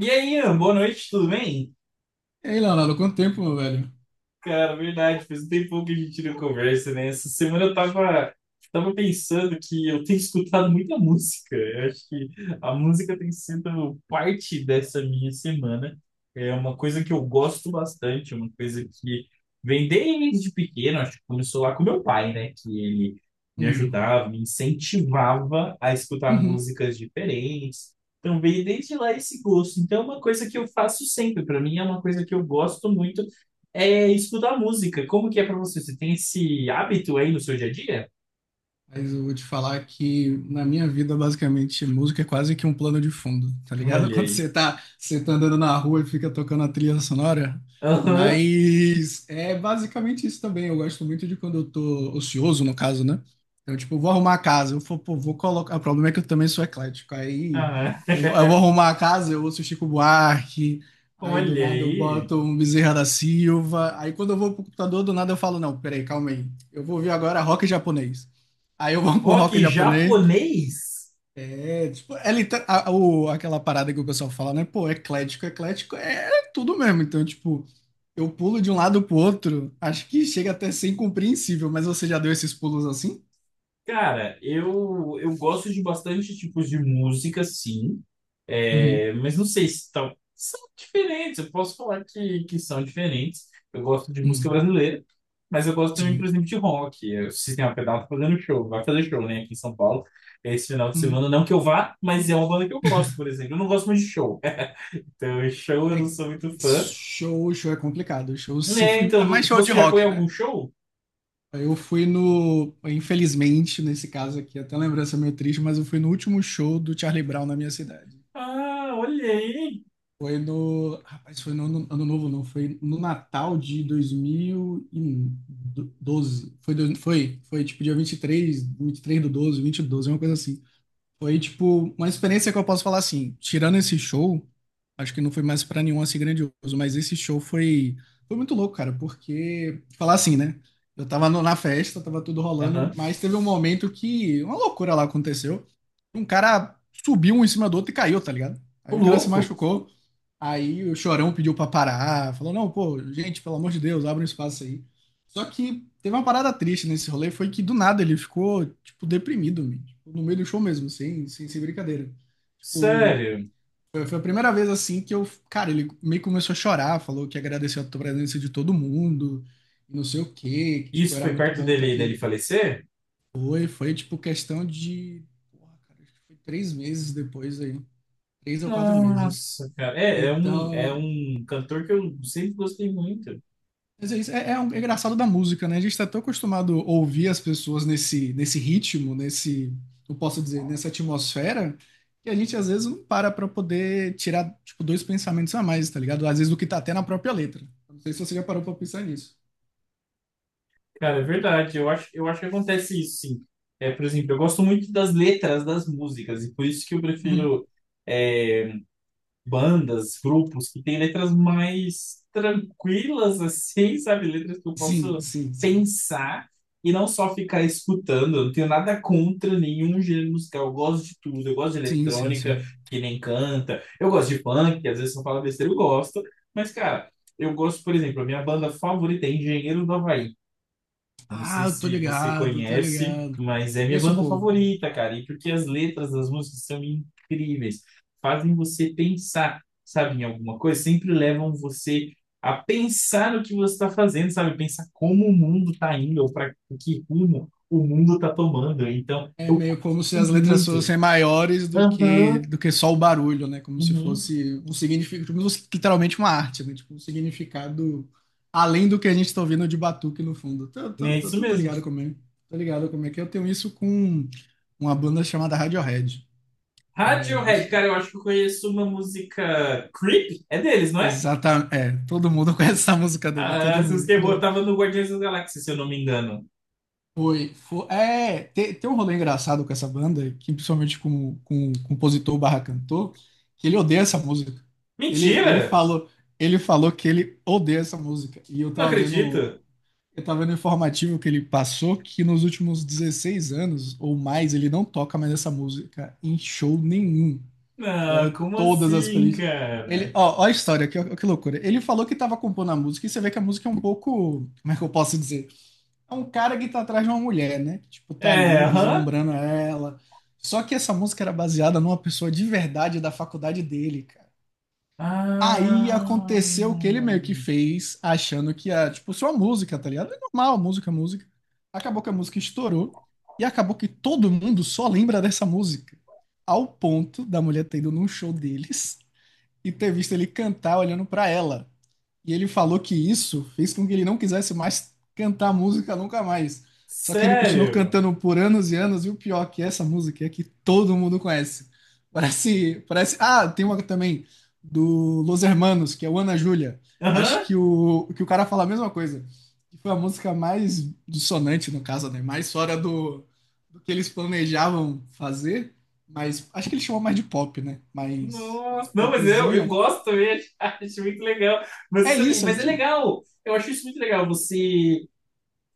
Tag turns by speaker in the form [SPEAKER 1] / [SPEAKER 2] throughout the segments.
[SPEAKER 1] E aí, Ian, boa noite, tudo bem?
[SPEAKER 2] E aí, Leonardo, quanto tempo, meu velho?
[SPEAKER 1] Cara, verdade, faz um tempão que a gente não conversa, né? Essa semana eu tava pensando que eu tenho escutado muita música. Eu acho que a música tem sido parte dessa minha semana. É uma coisa que eu gosto bastante, uma coisa que vem desde pequeno, acho que começou lá com meu pai, né? Que ele me
[SPEAKER 2] Hum.
[SPEAKER 1] ajudava, me incentivava a escutar
[SPEAKER 2] Uhum.
[SPEAKER 1] músicas diferentes. Então veio desde lá esse gosto. Então é uma coisa que eu faço sempre. Para mim é uma coisa que eu gosto muito é escutar música. Como que é pra você? Você tem esse hábito aí no seu dia a dia?
[SPEAKER 2] Mas eu vou te falar que na minha vida, basicamente, música é quase que um plano de fundo, tá ligado?
[SPEAKER 1] Olha
[SPEAKER 2] Quando
[SPEAKER 1] aí.
[SPEAKER 2] você tá andando na rua e fica tocando a trilha sonora.
[SPEAKER 1] Aham.
[SPEAKER 2] Mas é basicamente isso também. Eu gosto muito de quando eu tô ocioso, no caso, né? Então, tipo, eu vou arrumar a casa, eu vou, pô, vou colocar. O problema é que eu também sou eclético. Aí
[SPEAKER 1] Aham.
[SPEAKER 2] eu vou arrumar a casa, eu ouço Chico Buarque. Aí do
[SPEAKER 1] Olha
[SPEAKER 2] nada eu
[SPEAKER 1] aí.
[SPEAKER 2] boto um Bezerra da Silva. Aí quando eu vou pro computador, do nada eu falo, não, peraí, calma aí. Eu vou ouvir agora rock japonês. Aí eu vou pra um
[SPEAKER 1] Rock
[SPEAKER 2] rock japonês.
[SPEAKER 1] japonês?
[SPEAKER 2] É, tipo, aquela parada que o pessoal fala, né? Pô, eclético, eclético é tudo mesmo. Então, tipo, eu pulo de um lado pro outro. Acho que chega até a ser incompreensível, mas você já deu esses pulos assim?
[SPEAKER 1] Cara, eu gosto de bastante tipos de música, sim.
[SPEAKER 2] Uhum,
[SPEAKER 1] É, mas não sei se são diferentes. Eu posso falar que são diferentes. Eu gosto de música
[SPEAKER 2] uhum,
[SPEAKER 1] brasileira, mas eu gosto também, por
[SPEAKER 2] sim.
[SPEAKER 1] exemplo, de rock. O Sistema Pedal tá fazendo show, vai fazer show, né, aqui em São Paulo esse final de
[SPEAKER 2] Uhum.
[SPEAKER 1] semana. Não que eu vá, mas é uma banda que eu gosto, por exemplo. Eu não gosto muito de show. Então, show eu
[SPEAKER 2] É
[SPEAKER 1] não
[SPEAKER 2] que
[SPEAKER 1] sou muito fã.
[SPEAKER 2] show, show é complicado. Show se
[SPEAKER 1] Né,
[SPEAKER 2] fui, ainda
[SPEAKER 1] então,
[SPEAKER 2] mais show de
[SPEAKER 1] você já foi a
[SPEAKER 2] rock,
[SPEAKER 1] algum
[SPEAKER 2] né?
[SPEAKER 1] show?
[SPEAKER 2] Eu fui no, infelizmente, nesse caso aqui, até lembrança meio triste, mas eu fui no último show do Charlie Brown na minha cidade.
[SPEAKER 1] Ah, olha aí.
[SPEAKER 2] Foi no. Rapaz, foi no ano, ano novo, não. Foi no Natal de 2012. Foi tipo dia 23, três do 12 20 do 12, uma coisa assim. Foi, tipo, uma experiência que eu posso falar assim, tirando esse show, acho que não foi mais pra nenhum assim grandioso, mas esse show foi muito louco, cara, porque, falar assim, né? Eu tava na festa, tava tudo rolando,
[SPEAKER 1] Aham.
[SPEAKER 2] mas teve um momento que uma loucura lá aconteceu. Um cara subiu um em cima do outro e caiu, tá ligado?
[SPEAKER 1] Ô,
[SPEAKER 2] Aí o cara se
[SPEAKER 1] louco.
[SPEAKER 2] machucou, aí o Chorão pediu pra parar, falou, não, pô, gente, pelo amor de Deus, abre um espaço aí. Só que teve uma parada triste nesse rolê, foi que do nada ele ficou, tipo, deprimido, man. Tipo, no meio do show mesmo, sem brincadeira. Tipo,
[SPEAKER 1] Sério.
[SPEAKER 2] foi a primeira vez assim que eu, cara, ele meio que começou a chorar, falou que agradeceu a presença de todo mundo, e não sei o quê, que, tipo,
[SPEAKER 1] Isso
[SPEAKER 2] era
[SPEAKER 1] foi
[SPEAKER 2] muito
[SPEAKER 1] perto
[SPEAKER 2] bom estar
[SPEAKER 1] dele, dele
[SPEAKER 2] aqui.
[SPEAKER 1] falecer?
[SPEAKER 2] Foi, tipo, questão de, porra, cara, acho que foi 3 meses depois aí, 3 ou 4 meses.
[SPEAKER 1] Nossa, cara. É, é um, é
[SPEAKER 2] Então.
[SPEAKER 1] um cantor que eu sempre gostei muito.
[SPEAKER 2] Mas é isso, é engraçado da música, né? A gente está tão acostumado a ouvir as pessoas nesse ritmo, eu posso dizer, nessa atmosfera, que a gente às vezes não para poder tirar, tipo, dois pensamentos a mais, tá ligado? Às vezes o que tá até na própria letra. Não sei se você já parou para pensar nisso.
[SPEAKER 1] Cara, é verdade. Eu acho que acontece isso, sim. É, por exemplo, eu gosto muito das letras das músicas, e por isso que eu
[SPEAKER 2] Uhum.
[SPEAKER 1] prefiro. é, Bandas, grupos que têm letras mais tranquilas, assim, sabe? Letras que eu
[SPEAKER 2] Sim,
[SPEAKER 1] posso
[SPEAKER 2] sim, sim.
[SPEAKER 1] pensar e não só ficar escutando. Eu não tenho nada contra nenhum gênero musical. Eu gosto de tudo. Eu gosto de
[SPEAKER 2] Sim, sim,
[SPEAKER 1] eletrônica,
[SPEAKER 2] sim.
[SPEAKER 1] que nem canta. Eu gosto de funk, que às vezes eu falo besteira, eu gosto. Mas, cara, eu gosto, por exemplo, a minha banda favorita é Engenheiro do Havaí. Eu não
[SPEAKER 2] Ah,
[SPEAKER 1] sei
[SPEAKER 2] eu tô
[SPEAKER 1] se você
[SPEAKER 2] ligado, tô
[SPEAKER 1] conhece,
[SPEAKER 2] ligado.
[SPEAKER 1] mas é minha
[SPEAKER 2] Conheço
[SPEAKER 1] banda
[SPEAKER 2] pouco.
[SPEAKER 1] favorita, cara. E porque as letras das músicas são incríveis, fazem você pensar, sabe, em alguma coisa, sempre levam você a pensar no que você está fazendo, sabe? Pensar como o mundo está indo, ou para que rumo o mundo está tomando. Então,
[SPEAKER 2] É
[SPEAKER 1] eu
[SPEAKER 2] meio como se as
[SPEAKER 1] curto
[SPEAKER 2] letras
[SPEAKER 1] muito.
[SPEAKER 2] fossem maiores do que,
[SPEAKER 1] Aham,
[SPEAKER 2] do que só o barulho, né? Como se
[SPEAKER 1] uhum.
[SPEAKER 2] fosse um significado, literalmente uma arte, né? Tipo, um significado além do que a gente está ouvindo de batuque no fundo. Tô, tô,
[SPEAKER 1] É
[SPEAKER 2] tô,
[SPEAKER 1] isso
[SPEAKER 2] tô, tô
[SPEAKER 1] mesmo.
[SPEAKER 2] ligado como é. Tô ligado como é que eu tenho isso com uma banda chamada Radiohead. É, não
[SPEAKER 1] Radiohead,
[SPEAKER 2] sei.
[SPEAKER 1] cara, eu acho que eu conheço uma música Creep, é deles, não é?
[SPEAKER 2] Exata, é, todo mundo conhece essa música dele,
[SPEAKER 1] Ah,
[SPEAKER 2] todo
[SPEAKER 1] essa
[SPEAKER 2] mundo,
[SPEAKER 1] música é boa,
[SPEAKER 2] todo,
[SPEAKER 1] tava no Guardiões da Galáxia, se eu não me engano.
[SPEAKER 2] Foi, foi. É, tem um rolê engraçado com essa banda, que principalmente com o compositor barra cantor, que ele odeia essa música. Ele, ele
[SPEAKER 1] Mentira!
[SPEAKER 2] falou, ele falou que ele odeia essa música. E eu
[SPEAKER 1] Não
[SPEAKER 2] tava vendo,
[SPEAKER 1] acredito.
[SPEAKER 2] eu tava vendo o informativo que ele passou que nos últimos 16 anos ou mais ele não toca mais essa música em show nenhum. Você vai
[SPEAKER 1] Não,
[SPEAKER 2] ver
[SPEAKER 1] como
[SPEAKER 2] todas as
[SPEAKER 1] assim,
[SPEAKER 2] playlists.
[SPEAKER 1] cara?
[SPEAKER 2] Ó, ó a história, que loucura. Ele falou que tava compondo a música e você vê que a música é um pouco, como é que eu posso dizer? É um cara que tá atrás de uma mulher, né? Tipo, tá
[SPEAKER 1] É,
[SPEAKER 2] ali
[SPEAKER 1] aham.
[SPEAKER 2] vislumbrando ela. Só que essa música era baseada numa pessoa de verdade da faculdade dele, cara. Aí
[SPEAKER 1] Ah,
[SPEAKER 2] aconteceu o que ele meio que fez, achando que ia, tipo, só música, tá ligado? É normal, música, música. Acabou que a música estourou e acabou que todo mundo só lembra dessa música. Ao ponto da mulher ter ido num show deles e ter visto ele cantar olhando pra ela. E ele falou que isso fez com que ele não quisesse mais cantar música nunca mais. Só que ele continuou
[SPEAKER 1] sério?
[SPEAKER 2] cantando por anos e anos, e o pior que essa música é que todo mundo conhece. Parece, parece. Ah, tem uma também do Los Hermanos, que é o Ana Júlia. Acho
[SPEAKER 1] Aham.
[SPEAKER 2] que o cara fala a mesma coisa. Que foi a música mais dissonante, no caso, né? Mais fora do que eles planejavam fazer. Mas acho que ele chamou mais de pop, né? Mais, mais
[SPEAKER 1] Nossa, não, mas eu
[SPEAKER 2] popzinha.
[SPEAKER 1] gosto também, acho, muito legal. Mas
[SPEAKER 2] É
[SPEAKER 1] isso aí,
[SPEAKER 2] isso, a
[SPEAKER 1] mas é
[SPEAKER 2] gente.
[SPEAKER 1] legal. Eu acho isso muito legal. Você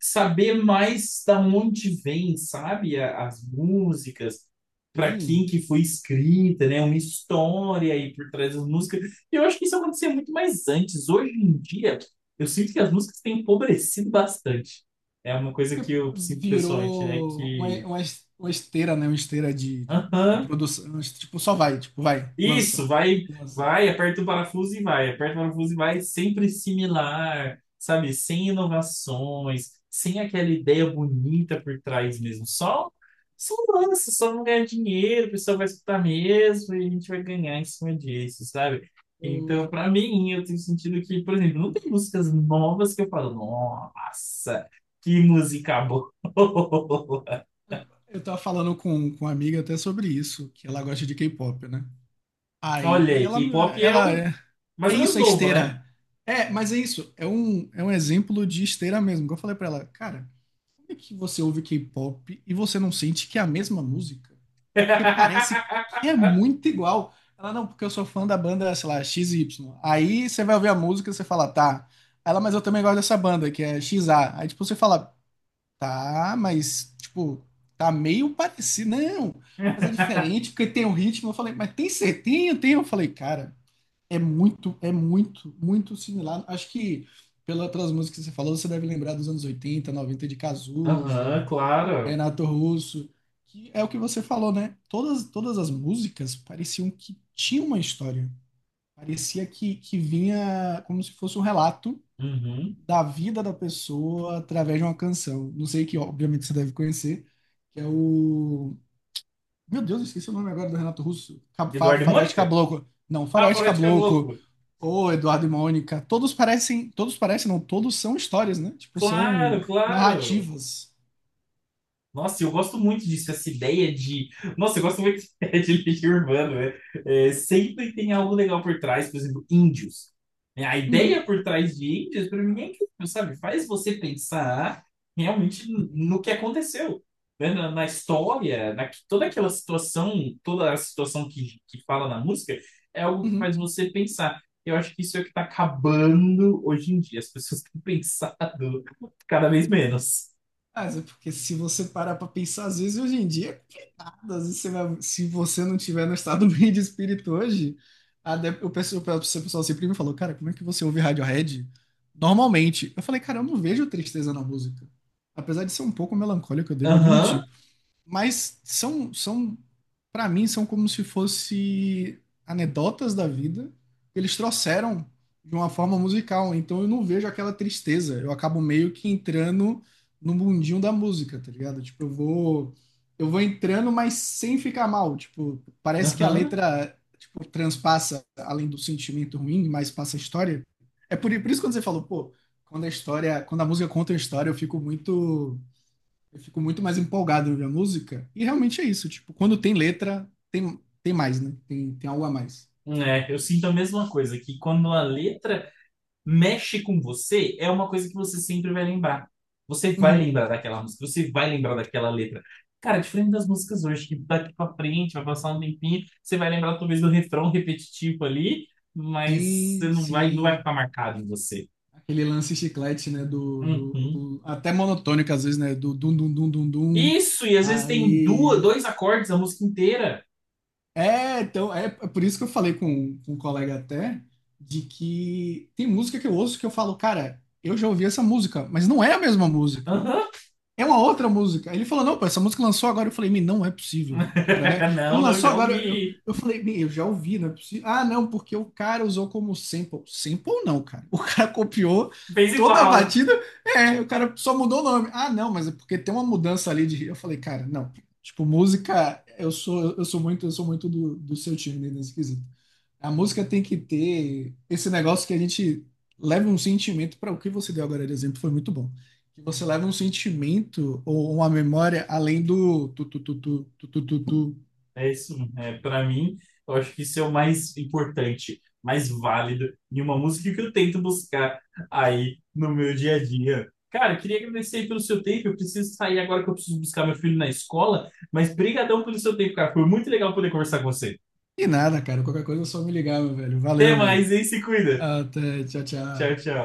[SPEAKER 1] saber mais da onde vem, sabe, as músicas, para quem
[SPEAKER 2] Sim,
[SPEAKER 1] que foi escrita, né, uma história aí por trás das músicas. E eu acho que isso acontecia muito mais antes. Hoje em dia, eu sinto que as músicas têm empobrecido bastante. É uma coisa que eu sinto pessoalmente, né,
[SPEAKER 2] virou uma,
[SPEAKER 1] que...
[SPEAKER 2] uma es- uma esteira, né? Uma esteira de
[SPEAKER 1] Aham.
[SPEAKER 2] produção. Tipo, só vai, tipo, vai,
[SPEAKER 1] Isso,
[SPEAKER 2] lança,
[SPEAKER 1] vai,
[SPEAKER 2] lança.
[SPEAKER 1] vai, aperta o parafuso e vai, aperta o parafuso e vai, sempre similar, sabe? Sem inovações, sem aquela ideia bonita por trás mesmo. Só, só lança, só vamos ganhar dinheiro, o pessoal vai escutar mesmo e a gente vai ganhar em cima disso, sabe?
[SPEAKER 2] Eu,
[SPEAKER 1] Então, pra mim, eu tenho sentido que, por exemplo, não tem músicas novas que eu falo, nossa, que música boa.
[SPEAKER 2] eu tava falando com uma amiga até sobre isso, que ela gosta de K-pop, né?
[SPEAKER 1] Olha
[SPEAKER 2] Aí
[SPEAKER 1] aí, K-pop é
[SPEAKER 2] ela
[SPEAKER 1] o
[SPEAKER 2] é,
[SPEAKER 1] mais
[SPEAKER 2] é
[SPEAKER 1] ou menos
[SPEAKER 2] isso, é
[SPEAKER 1] novo, né?
[SPEAKER 2] esteira. É, mas é isso, é um exemplo de esteira mesmo. Que Eu falei pra ela, cara, como é que você ouve K-pop e você não sente que é a mesma música? Porque parece que é muito igual. Ela, não, porque eu sou fã da banda, sei lá, XY. Aí você vai ouvir a música e você fala, tá. Ela, mas eu também gosto dessa banda, que é XA. Aí, tipo, você fala, tá, mas, tipo, tá meio parecido. Não, mas é diferente, porque tem um ritmo. Eu falei, mas tem certinho? Tem? Eu falei, cara, é muito, muito similar. Acho que pelas músicas que você falou, você deve lembrar dos anos 80 90 de
[SPEAKER 1] Aham,
[SPEAKER 2] Cazuza,
[SPEAKER 1] claro.
[SPEAKER 2] Renato Russo, que é o que você falou, né? Todas as músicas pareciam que tinham uma história. Parecia que vinha como se fosse um relato
[SPEAKER 1] Uhum.
[SPEAKER 2] da vida da pessoa através de uma canção. Não sei que, obviamente, você deve conhecer, que é o meu Deus, eu esqueci o nome agora do Renato Russo. Ca- Fa-
[SPEAKER 1] Eduardo e
[SPEAKER 2] Faroeste
[SPEAKER 1] Mônica?
[SPEAKER 2] Caboclo. Não,
[SPEAKER 1] Ah,
[SPEAKER 2] Faroeste
[SPEAKER 1] Faroeste
[SPEAKER 2] Caboclo.
[SPEAKER 1] Caboclo.
[SPEAKER 2] Ou Eduardo e Mônica. Todos parecem. Todos parecem, não. Todos são histórias, né? Tipo, são
[SPEAKER 1] Claro, claro.
[SPEAKER 2] narrativas.
[SPEAKER 1] Nossa, eu gosto muito disso, essa ideia de. Nossa, eu gosto muito de lixo urbano, né? É, sempre tem algo legal por trás, por exemplo, índios. É, a
[SPEAKER 2] Uhum,
[SPEAKER 1] ideia por trás de índios, para mim, é incrível, sabe? Faz você pensar realmente no que aconteceu, né? Na história, na, toda aquela situação, toda a situação que fala na música, é algo que
[SPEAKER 2] uhum.
[SPEAKER 1] faz você pensar. Eu acho que isso é o que está acabando hoje em dia. As pessoas têm pensado cada vez menos.
[SPEAKER 2] Mas é porque se você parar pra pensar, às vezes hoje em dia, às vezes se você não tiver no estado bem de espírito hoje, a de- o pessoal sempre me falou, cara, como é que você ouve Radiohead? Normalmente. Eu falei, cara, eu não vejo tristeza na música. Apesar de ser um pouco melancólico, eu devo
[SPEAKER 1] Aham,
[SPEAKER 2] admitir. Mas são para mim, são como se fosse anedotas da vida que eles trouxeram de uma forma musical. Então eu não vejo aquela tristeza. Eu acabo meio que entrando no mundinho da música, tá ligado? Tipo, eu vou entrando, mas sem ficar mal. Tipo, parece que a
[SPEAKER 1] aham.
[SPEAKER 2] letra tipo transpassa além do sentimento ruim, mas passa a história. É por isso que quando você falou, pô, quando a história, quando a música conta a história, eu fico muito mais empolgado de ouvir a música. E realmente é isso, tipo, quando tem letra, tem mais, né? Tem algo a mais.
[SPEAKER 1] É, eu sinto a mesma coisa, que quando a letra mexe com você, é uma coisa que você sempre vai lembrar. Você vai
[SPEAKER 2] Uhum.
[SPEAKER 1] lembrar daquela música, você vai lembrar daquela letra. Cara, diferente das músicas hoje, que daqui pra frente, vai passar um tempinho, você vai lembrar talvez do refrão repetitivo ali, mas você
[SPEAKER 2] Sim,
[SPEAKER 1] não vai, não vai
[SPEAKER 2] sim.
[SPEAKER 1] ficar marcado em você.
[SPEAKER 2] Aquele lance chiclete, né?
[SPEAKER 1] Uhum.
[SPEAKER 2] Até monotônico às vezes, né? Do dum dum dum dum dum.
[SPEAKER 1] Isso, e às vezes tem duas,
[SPEAKER 2] Aí.
[SPEAKER 1] dois acordes a música inteira.
[SPEAKER 2] É, então, é por isso que eu falei com um colega até, de que tem música que eu ouço que eu falo, cara, eu já ouvi essa música, mas não é a mesma música.
[SPEAKER 1] Aham.
[SPEAKER 2] É uma outra música. Aí ele falou, não, pô, essa música lançou agora. Eu falei, "Mi, não é possível, cara, né? Ele
[SPEAKER 1] Não, não,
[SPEAKER 2] lançou
[SPEAKER 1] já
[SPEAKER 2] agora, eu,
[SPEAKER 1] ouvi.
[SPEAKER 2] eu falei, "Mi, eu já ouvi, não é possível. Ah, não, porque o cara usou como sample. Sample não, cara. O cara copiou
[SPEAKER 1] Fez
[SPEAKER 2] toda a
[SPEAKER 1] igual.
[SPEAKER 2] batida, é, o cara só mudou o nome. Ah, não, mas é porque tem uma mudança ali de. Eu falei, cara, não. Tipo, música, eu sou muito do seu time né, nesse quesito. A música tem que ter esse negócio que a gente leva um sentimento para o que você deu agora de exemplo, foi muito bom. Que você leva um sentimento ou uma memória além do tu tu tu tu tu tu tu. Tu.
[SPEAKER 1] É isso, é, para mim, eu acho que isso é o mais importante, mais válido em uma música que eu tento buscar aí no meu dia a dia. Cara, eu queria agradecer aí pelo seu tempo. Eu preciso sair agora que eu preciso buscar meu filho na escola, mas brigadão pelo seu tempo, cara. Foi muito legal poder conversar com você.
[SPEAKER 2] E nada, cara. Qualquer coisa é só me ligar, meu velho.
[SPEAKER 1] Até
[SPEAKER 2] Valeu, velho.
[SPEAKER 1] mais, hein? Se cuida.
[SPEAKER 2] Até, tchau,
[SPEAKER 1] Tchau,
[SPEAKER 2] tchau.
[SPEAKER 1] tchau.